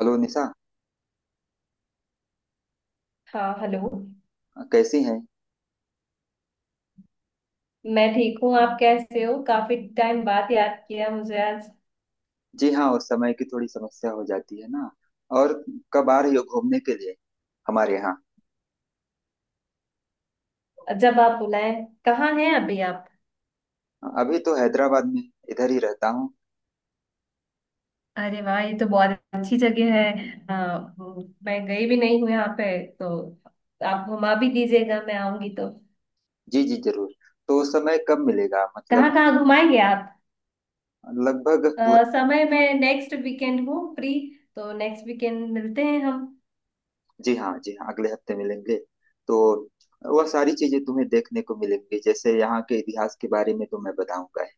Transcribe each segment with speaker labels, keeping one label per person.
Speaker 1: Hello Nisha,
Speaker 2: हाँ, hello.
Speaker 1: कैसी हैं।
Speaker 2: मैं ठीक हूँ, आप कैसे हो? काफी टाइम बाद याद किया मुझे आज।
Speaker 1: जी हाँ, उस समय की थोड़ी समस्या हो जाती है ना। और कब आ रही हो घूमने के लिए हमारे यहाँ।
Speaker 2: जब आप बुलाए। कहाँ हैं अभी आप?
Speaker 1: अभी तो हैदराबाद में, इधर ही रहता हूँ।
Speaker 2: अरे वाह, ये तो बहुत अच्छी जगह है। आ, मैं गई भी नहीं हूँ यहाँ पे तो आप घुमा भी दीजिएगा मैं आऊंगी तो।
Speaker 1: जी जी जरूर। तो उस समय कब मिलेगा
Speaker 2: कहाँ
Speaker 1: मतलब।
Speaker 2: कहाँ घुमाएंगे आप?
Speaker 1: लगभग पूरा।
Speaker 2: समय मैं नेक्स्ट वीकेंड हूँ फ्री तो नेक्स्ट वीकेंड मिलते हैं हम।
Speaker 1: जी हाँ जी हाँ, अगले हफ्ते मिलेंगे। तो वह सारी चीजें तुम्हें देखने को मिलेंगी, जैसे यहाँ के इतिहास के बारे में तो मैं बताऊंगा ही।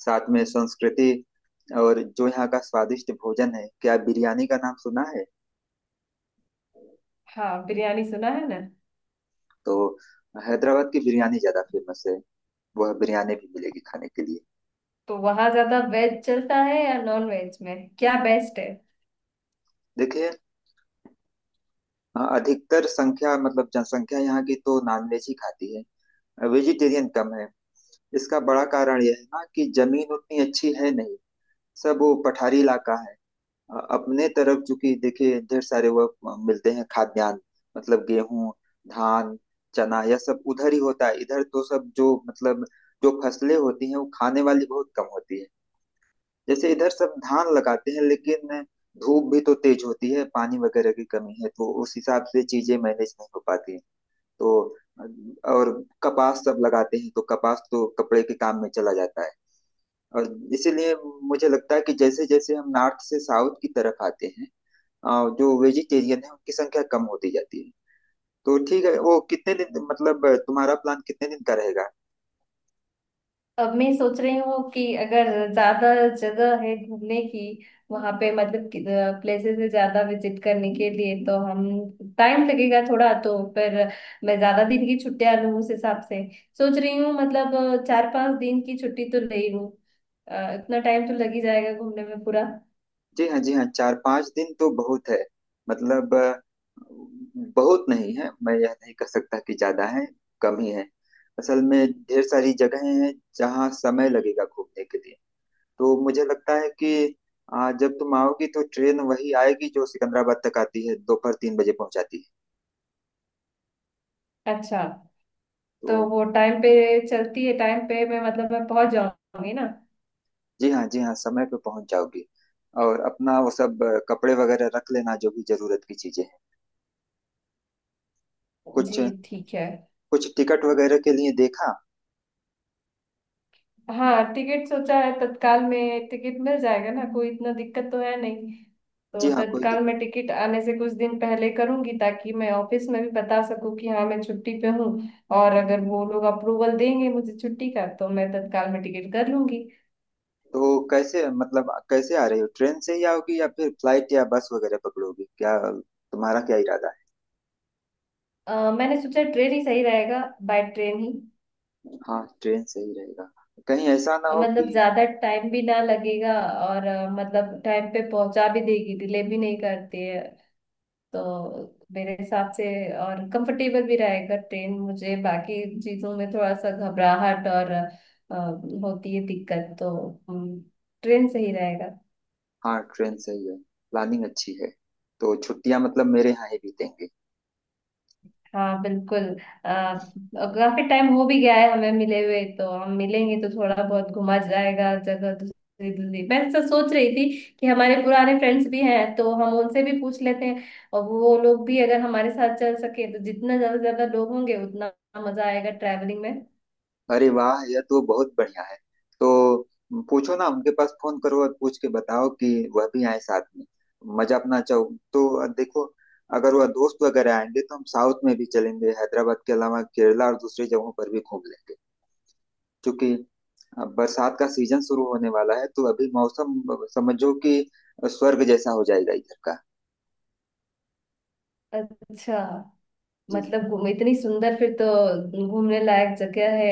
Speaker 1: साथ में संस्कृति, और जो यहाँ का स्वादिष्ट भोजन है, क्या बिरयानी का नाम सुना है।
Speaker 2: हाँ, बिरयानी सुना है ना।
Speaker 1: तो हैदराबाद की बिरयानी ज्यादा फेमस है। वह बिरयानी भी मिलेगी खाने के लिए।
Speaker 2: तो वहाँ ज्यादा वेज चलता है या नॉन वेज में क्या बेस्ट है?
Speaker 1: देखिए, हाँ, अधिकतर संख्या मतलब जनसंख्या यहाँ की तो नॉनवेज ही खाती है। वेजिटेरियन कम है। इसका बड़ा कारण यह है ना कि जमीन उतनी अच्छी है नहीं। सब वो पठारी इलाका है। अपने तरफ चूंकि देखिए ढेर सारे वह मिलते हैं खाद्यान्न, मतलब गेहूं, धान, चना, यह सब उधर ही होता है। इधर तो सब जो मतलब जो फसलें होती हैं वो खाने वाली बहुत कम होती है। जैसे इधर सब धान लगाते हैं, लेकिन धूप भी तो तेज होती है, पानी वगैरह की कमी है, तो उस हिसाब से चीजें मैनेज नहीं हो पाती। तो और कपास सब लगाते हैं, तो कपास तो कपड़े के काम में चला जाता है। और इसीलिए मुझे लगता है कि जैसे जैसे हम नॉर्थ से साउथ की तरफ आते हैं, अ, जो वेजिटेरियन है उनकी संख्या कम होती जाती है। तो ठीक है, वो कितने दिन मतलब तुम्हारा प्लान कितने दिन का रहेगा।
Speaker 2: अब मैं सोच रही हूँ कि अगर ज्यादा जगह है घूमने की वहां पे मतलब प्लेसेस है ज्यादा विजिट करने के लिए तो हम, टाइम लगेगा थोड़ा तो, पर मैं ज्यादा दिन की छुट्टियां लूँ उस हिसाब से सोच रही हूँ, मतलब 4-5 दिन की छुट्टी तो ले लूँ। इतना टाइम तो लग ही जाएगा घूमने में पूरा।
Speaker 1: जी हाँ जी हाँ, 4 5 दिन तो बहुत है। मतलब बहुत नहीं है, मैं यह नहीं कह सकता कि ज्यादा है, कम ही है असल में। ढेर सारी जगहें हैं जहाँ समय लगेगा घूमने के लिए। तो मुझे लगता है कि जब तुम आओगी तो ट्रेन वही आएगी जो सिकंदराबाद तक आती है, दोपहर 3 बजे पहुंचाती है।
Speaker 2: अच्छा। तो
Speaker 1: तो
Speaker 2: वो टाइम पे चलती है टाइम पे, मैं, मतलब मैं पहुंच जाऊंगी ना?
Speaker 1: जी हाँ जी हाँ, समय पे पहुंच जाओगी। और अपना वो सब कपड़े वगैरह रख लेना, जो भी जरूरत की चीजें हैं कुछ।
Speaker 2: जी। ठीक है।
Speaker 1: कुछ टिकट वगैरह के लिए देखा।
Speaker 2: हाँ, टिकट सोचा है, तत्काल में टिकट मिल जाएगा ना, कोई इतना दिक्कत तो है नहीं। तो
Speaker 1: जी हाँ कोई
Speaker 2: तत्काल
Speaker 1: दिक्कत।
Speaker 2: में टिकट आने से कुछ दिन पहले करूंगी ताकि मैं ऑफिस में भी बता सकूं कि हाँ मैं छुट्टी पे हूँ। और अगर वो लोग अप्रूवल देंगे मुझे छुट्टी का तो मैं तत्काल में टिकट कर लूंगी।
Speaker 1: तो कैसे मतलब कैसे आ रही हो, ट्रेन से ही आओगी या फिर फ्लाइट या बस वगैरह पकड़ोगी क्या, तुम्हारा क्या इरादा
Speaker 2: मैंने सोचा ट्रेन ही सही रहेगा, बाय ट्रेन ही।
Speaker 1: है। हाँ ट्रेन से ही रहेगा, कहीं ऐसा ना हो
Speaker 2: मतलब
Speaker 1: कि।
Speaker 2: ज्यादा टाइम भी ना लगेगा और मतलब टाइम पे पहुंचा भी देगी, डिले भी नहीं करती है, तो मेरे हिसाब से और कंफर्टेबल भी रहेगा ट्रेन। मुझे बाकी चीजों में थोड़ा सा घबराहट और होती है दिक्कत, तो हम्म, ट्रेन सही रहेगा।
Speaker 1: हाँ ट्रेन से ही है, प्लानिंग अच्छी है। तो छुट्टियां मतलब मेरे यहाँ ही बीतेंगे।
Speaker 2: हाँ बिल्कुल। और काफी टाइम हो भी गया है हमें मिले हुए, तो हम मिलेंगे तो थोड़ा बहुत घुमा जाएगा जगह दूसरी दूसरी। मैं ऐसा सोच रही थी कि हमारे पुराने फ्रेंड्स भी हैं तो हम उनसे भी पूछ लेते हैं। और वो लोग भी अगर हमारे साथ चल सके तो जितना ज्यादा से ज्यादा लोग होंगे उतना मजा आएगा ट्रैवलिंग में।
Speaker 1: अरे वाह, यह तो बहुत बढ़िया है। तो पूछो ना, उनके पास फोन करो और पूछ के बताओ कि वह भी आए साथ में, मजा अपना चाहो। तो देखो, अगर वह दोस्त वगैरह आएंगे तो हम साउथ में भी चलेंगे, हैदराबाद के अलावा केरला और दूसरी जगहों पर भी घूम लेंगे। चूंकि अब बरसात का सीजन शुरू होने वाला है, तो अभी मौसम समझो कि स्वर्ग जैसा हो जाएगा इधर का।
Speaker 2: अच्छा,
Speaker 1: जी जी।
Speaker 2: मतलब घूम इतनी सुंदर, फिर तो घूमने लायक जगह है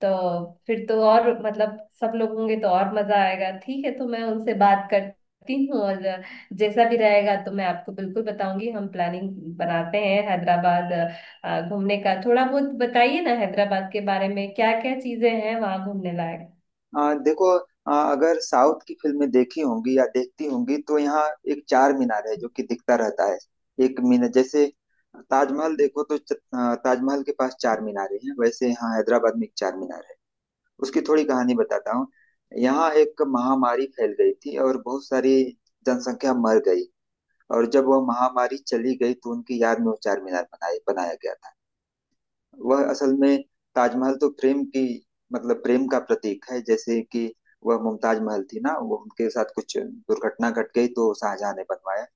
Speaker 2: तो। फिर तो और मतलब सब लोग होंगे तो और मजा आएगा। ठीक है, तो मैं उनसे बात करती हूँ और जैसा भी रहेगा तो मैं आपको बिल्कुल बताऊंगी, हम प्लानिंग बनाते हैं हैदराबाद घूमने का। थोड़ा बहुत बताइए ना, हैदराबाद के बारे में क्या क्या चीजें हैं वहां घूमने लायक?
Speaker 1: देखो, अगर साउथ की फिल्में देखी होंगी या देखती होंगी तो यहाँ एक चार मीनार है जो कि दिखता रहता है। एक मीनार जैसे ताजमहल देखो, तो ताजमहल के पास चार मीनारे हैं, वैसे यहाँ हैदराबाद में एक चार मीनार है। उसकी थोड़ी कहानी बताता हूँ। यहाँ एक महामारी फैल गई थी और बहुत सारी जनसंख्या मर गई, और जब वह महामारी चली गई तो उनकी याद में वो चार मीनार बनाए बनाया गया था। वह असल में, ताजमहल तो प्रेम की मतलब प्रेम का प्रतीक है, जैसे कि वह मुमताज महल थी ना, वो उनके साथ कुछ दुर्घटना घट गई तो शाहजहां ने बनवाया।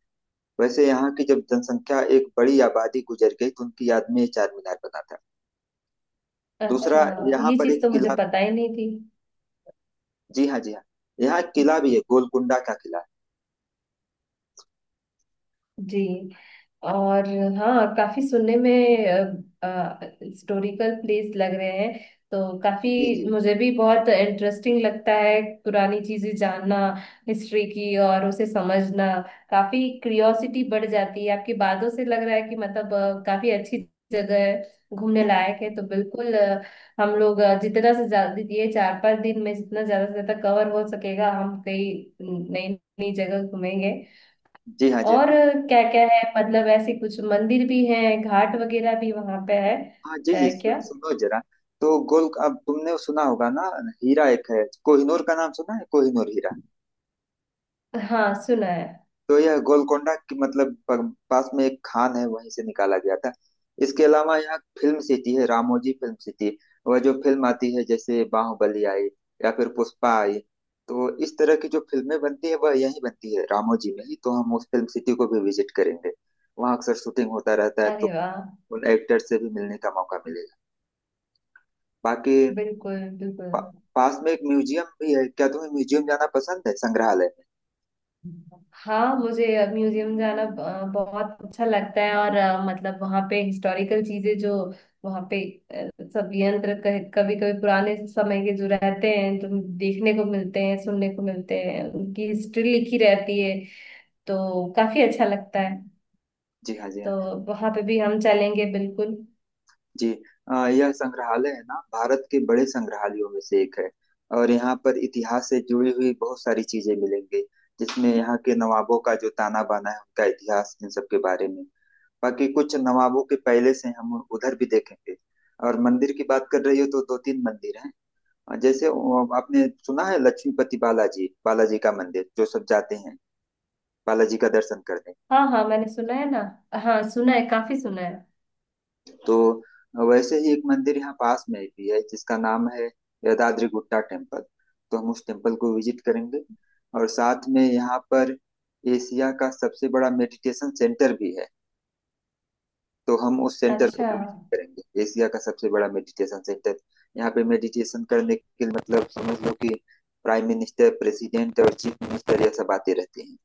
Speaker 1: वैसे यहाँ की जब जनसंख्या एक बड़ी आबादी गुजर गई तो उनकी याद में ये चार मीनार बना था। दूसरा अच्छा,
Speaker 2: अच्छा,
Speaker 1: यहाँ
Speaker 2: ये
Speaker 1: पर
Speaker 2: चीज
Speaker 1: एक
Speaker 2: तो मुझे
Speaker 1: किला,
Speaker 2: पता ही नहीं थी।
Speaker 1: जी हाँ जी हाँ, यहाँ एक किला भी है, गोलकुंडा का किला।
Speaker 2: जी। और हाँ, काफी सुनने में हिस्टोरिकल प्लेस लग रहे हैं तो काफी।
Speaker 1: जी जी।
Speaker 2: मुझे भी बहुत इंटरेस्टिंग लगता है पुरानी चीजें जानना, हिस्ट्री की और उसे समझना। काफी क्यूरियोसिटी बढ़ जाती है, आपकी बातों से लग रहा है कि मतलब काफी अच्छी जगह है, घूमने
Speaker 1: जी
Speaker 2: लायक है, तो बिल्कुल हम लोग जितना से ज्यादा ये 4-5 दिन में जितना ज्यादा से ज्यादा कवर हो सकेगा, हम कई नई नई जगह घूमेंगे।
Speaker 1: जी हाँ जी हाँ।
Speaker 2: और क्या क्या है मतलब, ऐसे कुछ मंदिर भी हैं, घाट वगैरह भी वहां पे है?
Speaker 1: हाँ जी
Speaker 2: है
Speaker 1: जी,
Speaker 2: क्या?
Speaker 1: सुनो जरा। तो गोल अब तुमने सुना होगा ना, हीरा एक है कोहिनूर, का नाम सुना है, कोहिनूर हीरा।
Speaker 2: हाँ, सुना है।
Speaker 1: तो यह गोलकोंडा की मतलब पास में एक खान है, वहीं से निकाला गया था। इसके अलावा यहाँ फिल्म सिटी है, रामोजी फिल्म सिटी। वह जो फिल्म आती है जैसे बाहुबली आई या फिर पुष्पा आई, तो इस तरह की जो फिल्में बनती है वह यहीं बनती है, रामोजी में ही। तो हम उस फिल्म सिटी को भी विजिट करेंगे। वहाँ अक्सर शूटिंग होता रहता है,
Speaker 2: अरे
Speaker 1: तो
Speaker 2: वाह।
Speaker 1: उन एक्टर्स से भी मिलने का मौका मिलेगा। बाकी
Speaker 2: बिल्कुल बिल्कुल।
Speaker 1: पास में एक म्यूजियम भी है, क्या तुम्हें म्यूजियम जाना पसंद है, संग्रहालय में।
Speaker 2: हाँ, मुझे म्यूजियम जाना बहुत अच्छा लगता है, और मतलब वहाँ पे हिस्टोरिकल चीजें जो वहाँ पे सब यंत्र कभी कभी पुराने समय के जो रहते हैं, जो देखने को मिलते हैं, सुनने को मिलते हैं, उनकी हिस्ट्री लिखी रहती है, तो काफी अच्छा लगता है।
Speaker 1: जी हाँ जी
Speaker 2: तो
Speaker 1: हाँ।
Speaker 2: वहाँ पे भी हम चलेंगे बिल्कुल।
Speaker 1: जी यह संग्रहालय है ना, भारत के बड़े संग्रहालयों में से एक है। और यहाँ पर इतिहास से जुड़ी हुई बहुत सारी चीजें मिलेंगी, जिसमें यहाँ के नवाबों का जो ताना बाना है, उनका इतिहास, इन सब के बारे में। बाकी कुछ नवाबों के पहले से हम उधर भी देखेंगे। और मंदिर की बात कर रही हो तो दो तीन मंदिर हैं। जैसे आपने सुना है लक्ष्मीपति बालाजी बालाजी का मंदिर, जो सब जाते हैं बालाजी का दर्शन करने।
Speaker 2: हाँ हाँ, मैंने सुना है ना, हाँ सुना है, काफी सुना है।
Speaker 1: तो वैसे ही एक मंदिर यहाँ पास में भी है जिसका नाम है यदाद्री गुट्टा टेम्पल। तो हम उस टेम्पल को विजिट करेंगे। और साथ में यहाँ पर एशिया का सबसे बड़ा मेडिटेशन सेंटर भी है, तो हम उस सेंटर को
Speaker 2: अच्छा,
Speaker 1: भी विजिट करेंगे, एशिया का सबसे बड़ा मेडिटेशन सेंटर। यहाँ पे मेडिटेशन करने के लिए मतलब समझ लो कि प्राइम मिनिस्टर, प्रेसिडेंट और चीफ मिनिस्टर, यह सब आते रहते हैं।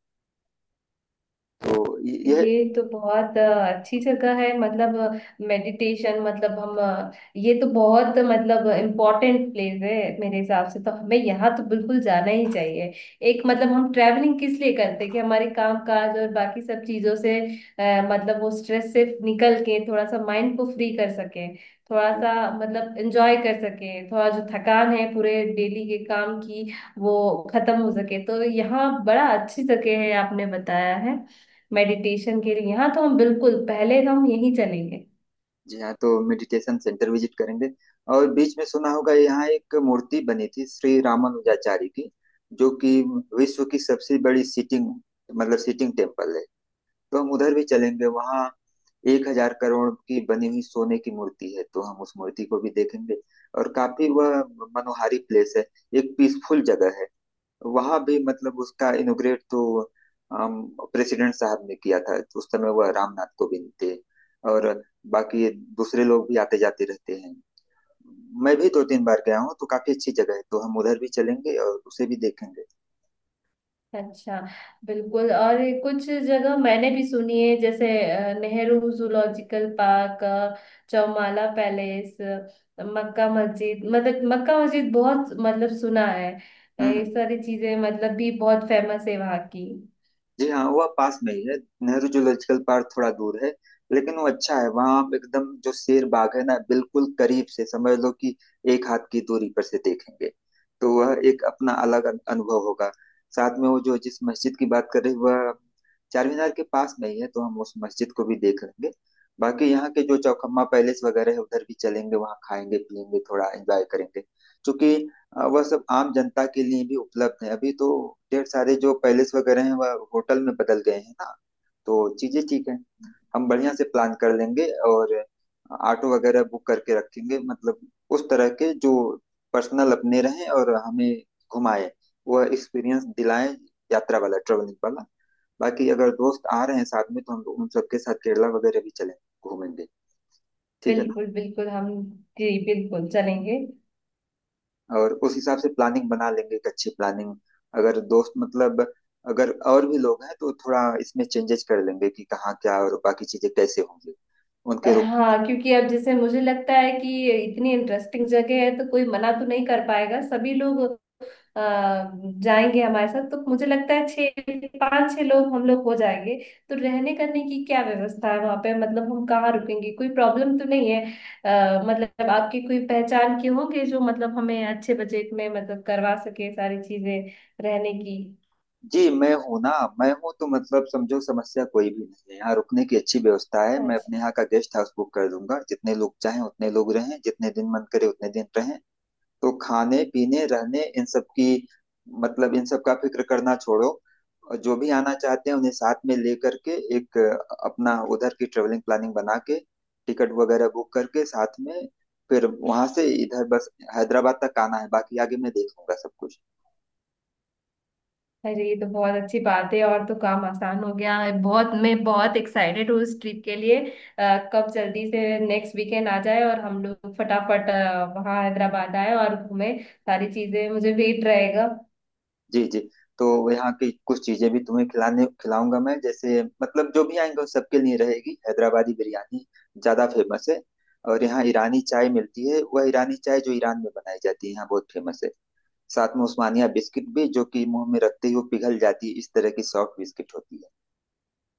Speaker 1: तो यह,
Speaker 2: ये तो बहुत अच्छी जगह है मतलब। मेडिटेशन, मतलब हम ये तो बहुत मतलब इम्पोर्टेंट प्लेस है, मेरे हिसाब से तो हमें यहाँ तो बिल्कुल जाना ही चाहिए। एक मतलब, हम ट्रैवलिंग किस लिए करते हैं कि हमारे काम काज और बाकी सब चीजों से मतलब वो स्ट्रेस से निकल के थोड़ा सा माइंड को फ्री कर सके, थोड़ा सा मतलब एंजॉय कर सके, थोड़ा जो थकान है पूरे डेली के काम की वो खत्म हो सके। तो यहाँ बड़ा अच्छी जगह है आपने बताया है मेडिटेशन के लिए, हाँ तो हम बिल्कुल पहले हम यहीं चलेंगे।
Speaker 1: जी हाँ तो मेडिटेशन सेंटर विजिट करेंगे। और बीच में सुना होगा, यहाँ एक मूर्ति बनी थी श्री रामानुजाचार्य की, जो कि विश्व की सबसे बड़ी सिटिंग मतलब सिटिंग टेम्पल है। तो हम उधर भी चलेंगे। वहाँ 1000 करोड़ की बनी हुई सोने की मूर्ति है, तो हम उस मूर्ति को भी देखेंगे। और काफी वह मनोहारी प्लेस है, एक पीसफुल जगह है। वहां भी मतलब उसका इनोग्रेट तो प्रेसिडेंट साहब ने किया था, तो उस समय वह रामनाथ कोविंद थे। और बाकी दूसरे लोग भी आते जाते रहते हैं। मैं भी दो तीन बार गया हूँ, तो काफी अच्छी जगह है, तो हम उधर भी चलेंगे और उसे भी देखेंगे।
Speaker 2: अच्छा, बिल्कुल। और ये कुछ जगह मैंने भी सुनी है, जैसे Nehru zoological park, Chowmahalla palace, मक्का मस्जिद, मतलब मक्का मस्जिद बहुत मतलब सुना है। ये
Speaker 1: हम्म,
Speaker 2: सारी चीजें मतलब भी बहुत फेमस है वहाँ की।
Speaker 1: जी हाँ वह पास में ही है। नेहरू जूलॉजिकल पार्क थोड़ा दूर है, लेकिन वो अच्छा है। वहाँ आप एकदम जो शेर बाग है ना, बिल्कुल करीब से, समझ लो कि एक हाथ की दूरी पर से देखेंगे। तो वह एक अपना अलग अनुभव होगा। साथ में वो जो जिस मस्जिद की बात कर रहे हैं, वह चार मीनार के पास में ही है, तो हम उस मस्जिद को भी देख लेंगे। बाकी यहाँ के जो चौखम्मा पैलेस वगैरह है, उधर भी चलेंगे, वहाँ खाएंगे पियेंगे थोड़ा एंजॉय करेंगे, क्योंकि वह सब आम जनता के लिए भी उपलब्ध है। अभी तो ढेर सारे जो पैलेस वगैरह हैं वह होटल में बदल गए हैं ना। तो चीजें ठीक है, हम बढ़िया से प्लान कर लेंगे, और ऑटो वगैरह बुक करके रखेंगे, मतलब उस तरह के जो पर्सनल अपने रहें और हमें घुमाए, वह एक्सपीरियंस दिलाएं, यात्रा वाला, ट्रेवलिंग वाला। बाकी अगर दोस्त आ रहे हैं साथ में तो हम उन सबके साथ केरला वगैरह भी चलें, घूमेंगे, ठीक है ना?
Speaker 2: बिल्कुल बिल्कुल, हम, जी बिल्कुल चलेंगे।
Speaker 1: और उस हिसाब से प्लानिंग बना लेंगे, एक अच्छी प्लानिंग। अगर दोस्त मतलब अगर और भी लोग हैं तो थोड़ा इसमें चेंजेस कर लेंगे कि कहाँ क्या और बाकी चीजें कैसे होंगी, उनके रुक।
Speaker 2: हाँ, क्योंकि अब जैसे मुझे लगता है कि इतनी इंटरेस्टिंग जगह है तो कोई मना तो नहीं कर पाएगा, सभी लोग अ, जाएंगे हमारे साथ, तो मुझे लगता है छः, पाँच छह लोग हम लोग हो जाएंगे। तो रहने करने की क्या व्यवस्था है वहाँ पे, मतलब हम कहाँ रुकेंगे, कोई प्रॉब्लम तो नहीं है? मतलब आपकी कोई पहचान के होंगे जो मतलब हमें अच्छे बजट में मतलब करवा सके सारी चीजें रहने की।
Speaker 1: जी मैं हूँ ना, मैं हूँ तो मतलब समझो समस्या कोई भी नहीं है, यहाँ रुकने की अच्छी व्यवस्था है। मैं
Speaker 2: अच्छा।
Speaker 1: अपने यहाँ का गेस्ट हाउस बुक कर दूंगा, जितने लोग चाहें उतने लोग रहें, जितने दिन मन करे उतने दिन रहें। तो खाने पीने रहने इन सब की मतलब इन सब का फिक्र करना छोड़ो। और जो भी आना चाहते हैं उन्हें साथ में लेकर के एक अपना उधर की ट्रेवलिंग प्लानिंग बना के, टिकट वगैरह बुक करके साथ में, फिर वहां से इधर बस हैदराबाद तक आना है, बाकी आगे मैं देख लूंगा सब कुछ।
Speaker 2: अरे, ये तो बहुत अच्छी बात है और तो काम आसान हो गया है बहुत, मैं बहुत एक्साइटेड हूँ इस ट्रिप के लिए। कब जल्दी से नेक्स्ट वीकेंड आ जाए और हम लोग फटाफट वहाँ हैदराबाद आए और घूमे सारी चीजें, मुझे वेट रहेगा।
Speaker 1: जी जी। तो यहाँ की कुछ चीजें भी तुम्हें खिलाने खिलाऊंगा मैं, जैसे मतलब जो भी आएंगे उन सबके लिए रहेगी हैदराबादी बिरयानी, ज्यादा फेमस है। और यहाँ ईरानी चाय मिलती है, वह ईरानी चाय जो ईरान में बनाई जाती है, यहाँ बहुत फेमस है। साथ में उस्मानिया बिस्किट भी, जो कि मुंह में रखते ही वो पिघल जाती है, इस तरह की सॉफ्ट बिस्किट होती है।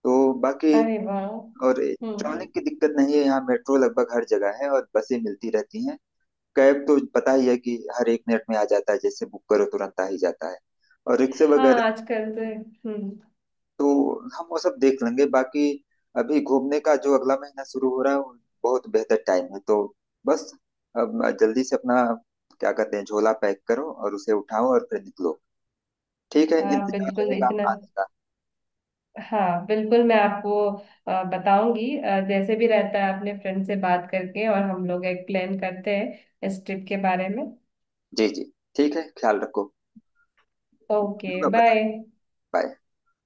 Speaker 1: तो बाकी,
Speaker 2: अरे वाह।
Speaker 1: और
Speaker 2: हम्म।
Speaker 1: ट्रैवलिंग की दिक्कत नहीं है यहाँ, मेट्रो लगभग हर जगह है और बसें मिलती रहती हैं। कैब तो पता ही है कि हर एक मिनट में आ जाता है, जैसे बुक करो तुरंत आ ही जाता है। और रिक्शे
Speaker 2: हाँ,
Speaker 1: वगैरह,
Speaker 2: आजकल तो। हम्म।
Speaker 1: तो हम वो सब देख लेंगे। बाकी अभी घूमने का जो अगला महीना शुरू हो रहा है वो बहुत बेहतर टाइम है। तो बस, अब जल्दी से अपना क्या कहते हैं झोला पैक करो और उसे उठाओ और फिर निकलो। ठीक है,
Speaker 2: हाँ,
Speaker 1: इंतजार
Speaker 2: बिल्कुल
Speaker 1: रहेगा
Speaker 2: इतना,
Speaker 1: आने का।
Speaker 2: हाँ बिल्कुल, मैं आपको बताऊंगी जैसे भी रहता है, अपने फ्रेंड से बात करके, और हम लोग एक प्लान करते हैं इस ट्रिप के बारे में।
Speaker 1: जी जी, ठीक है, ख्याल रखो।
Speaker 2: ओके,
Speaker 1: होगा बता,
Speaker 2: बाय।
Speaker 1: बाय।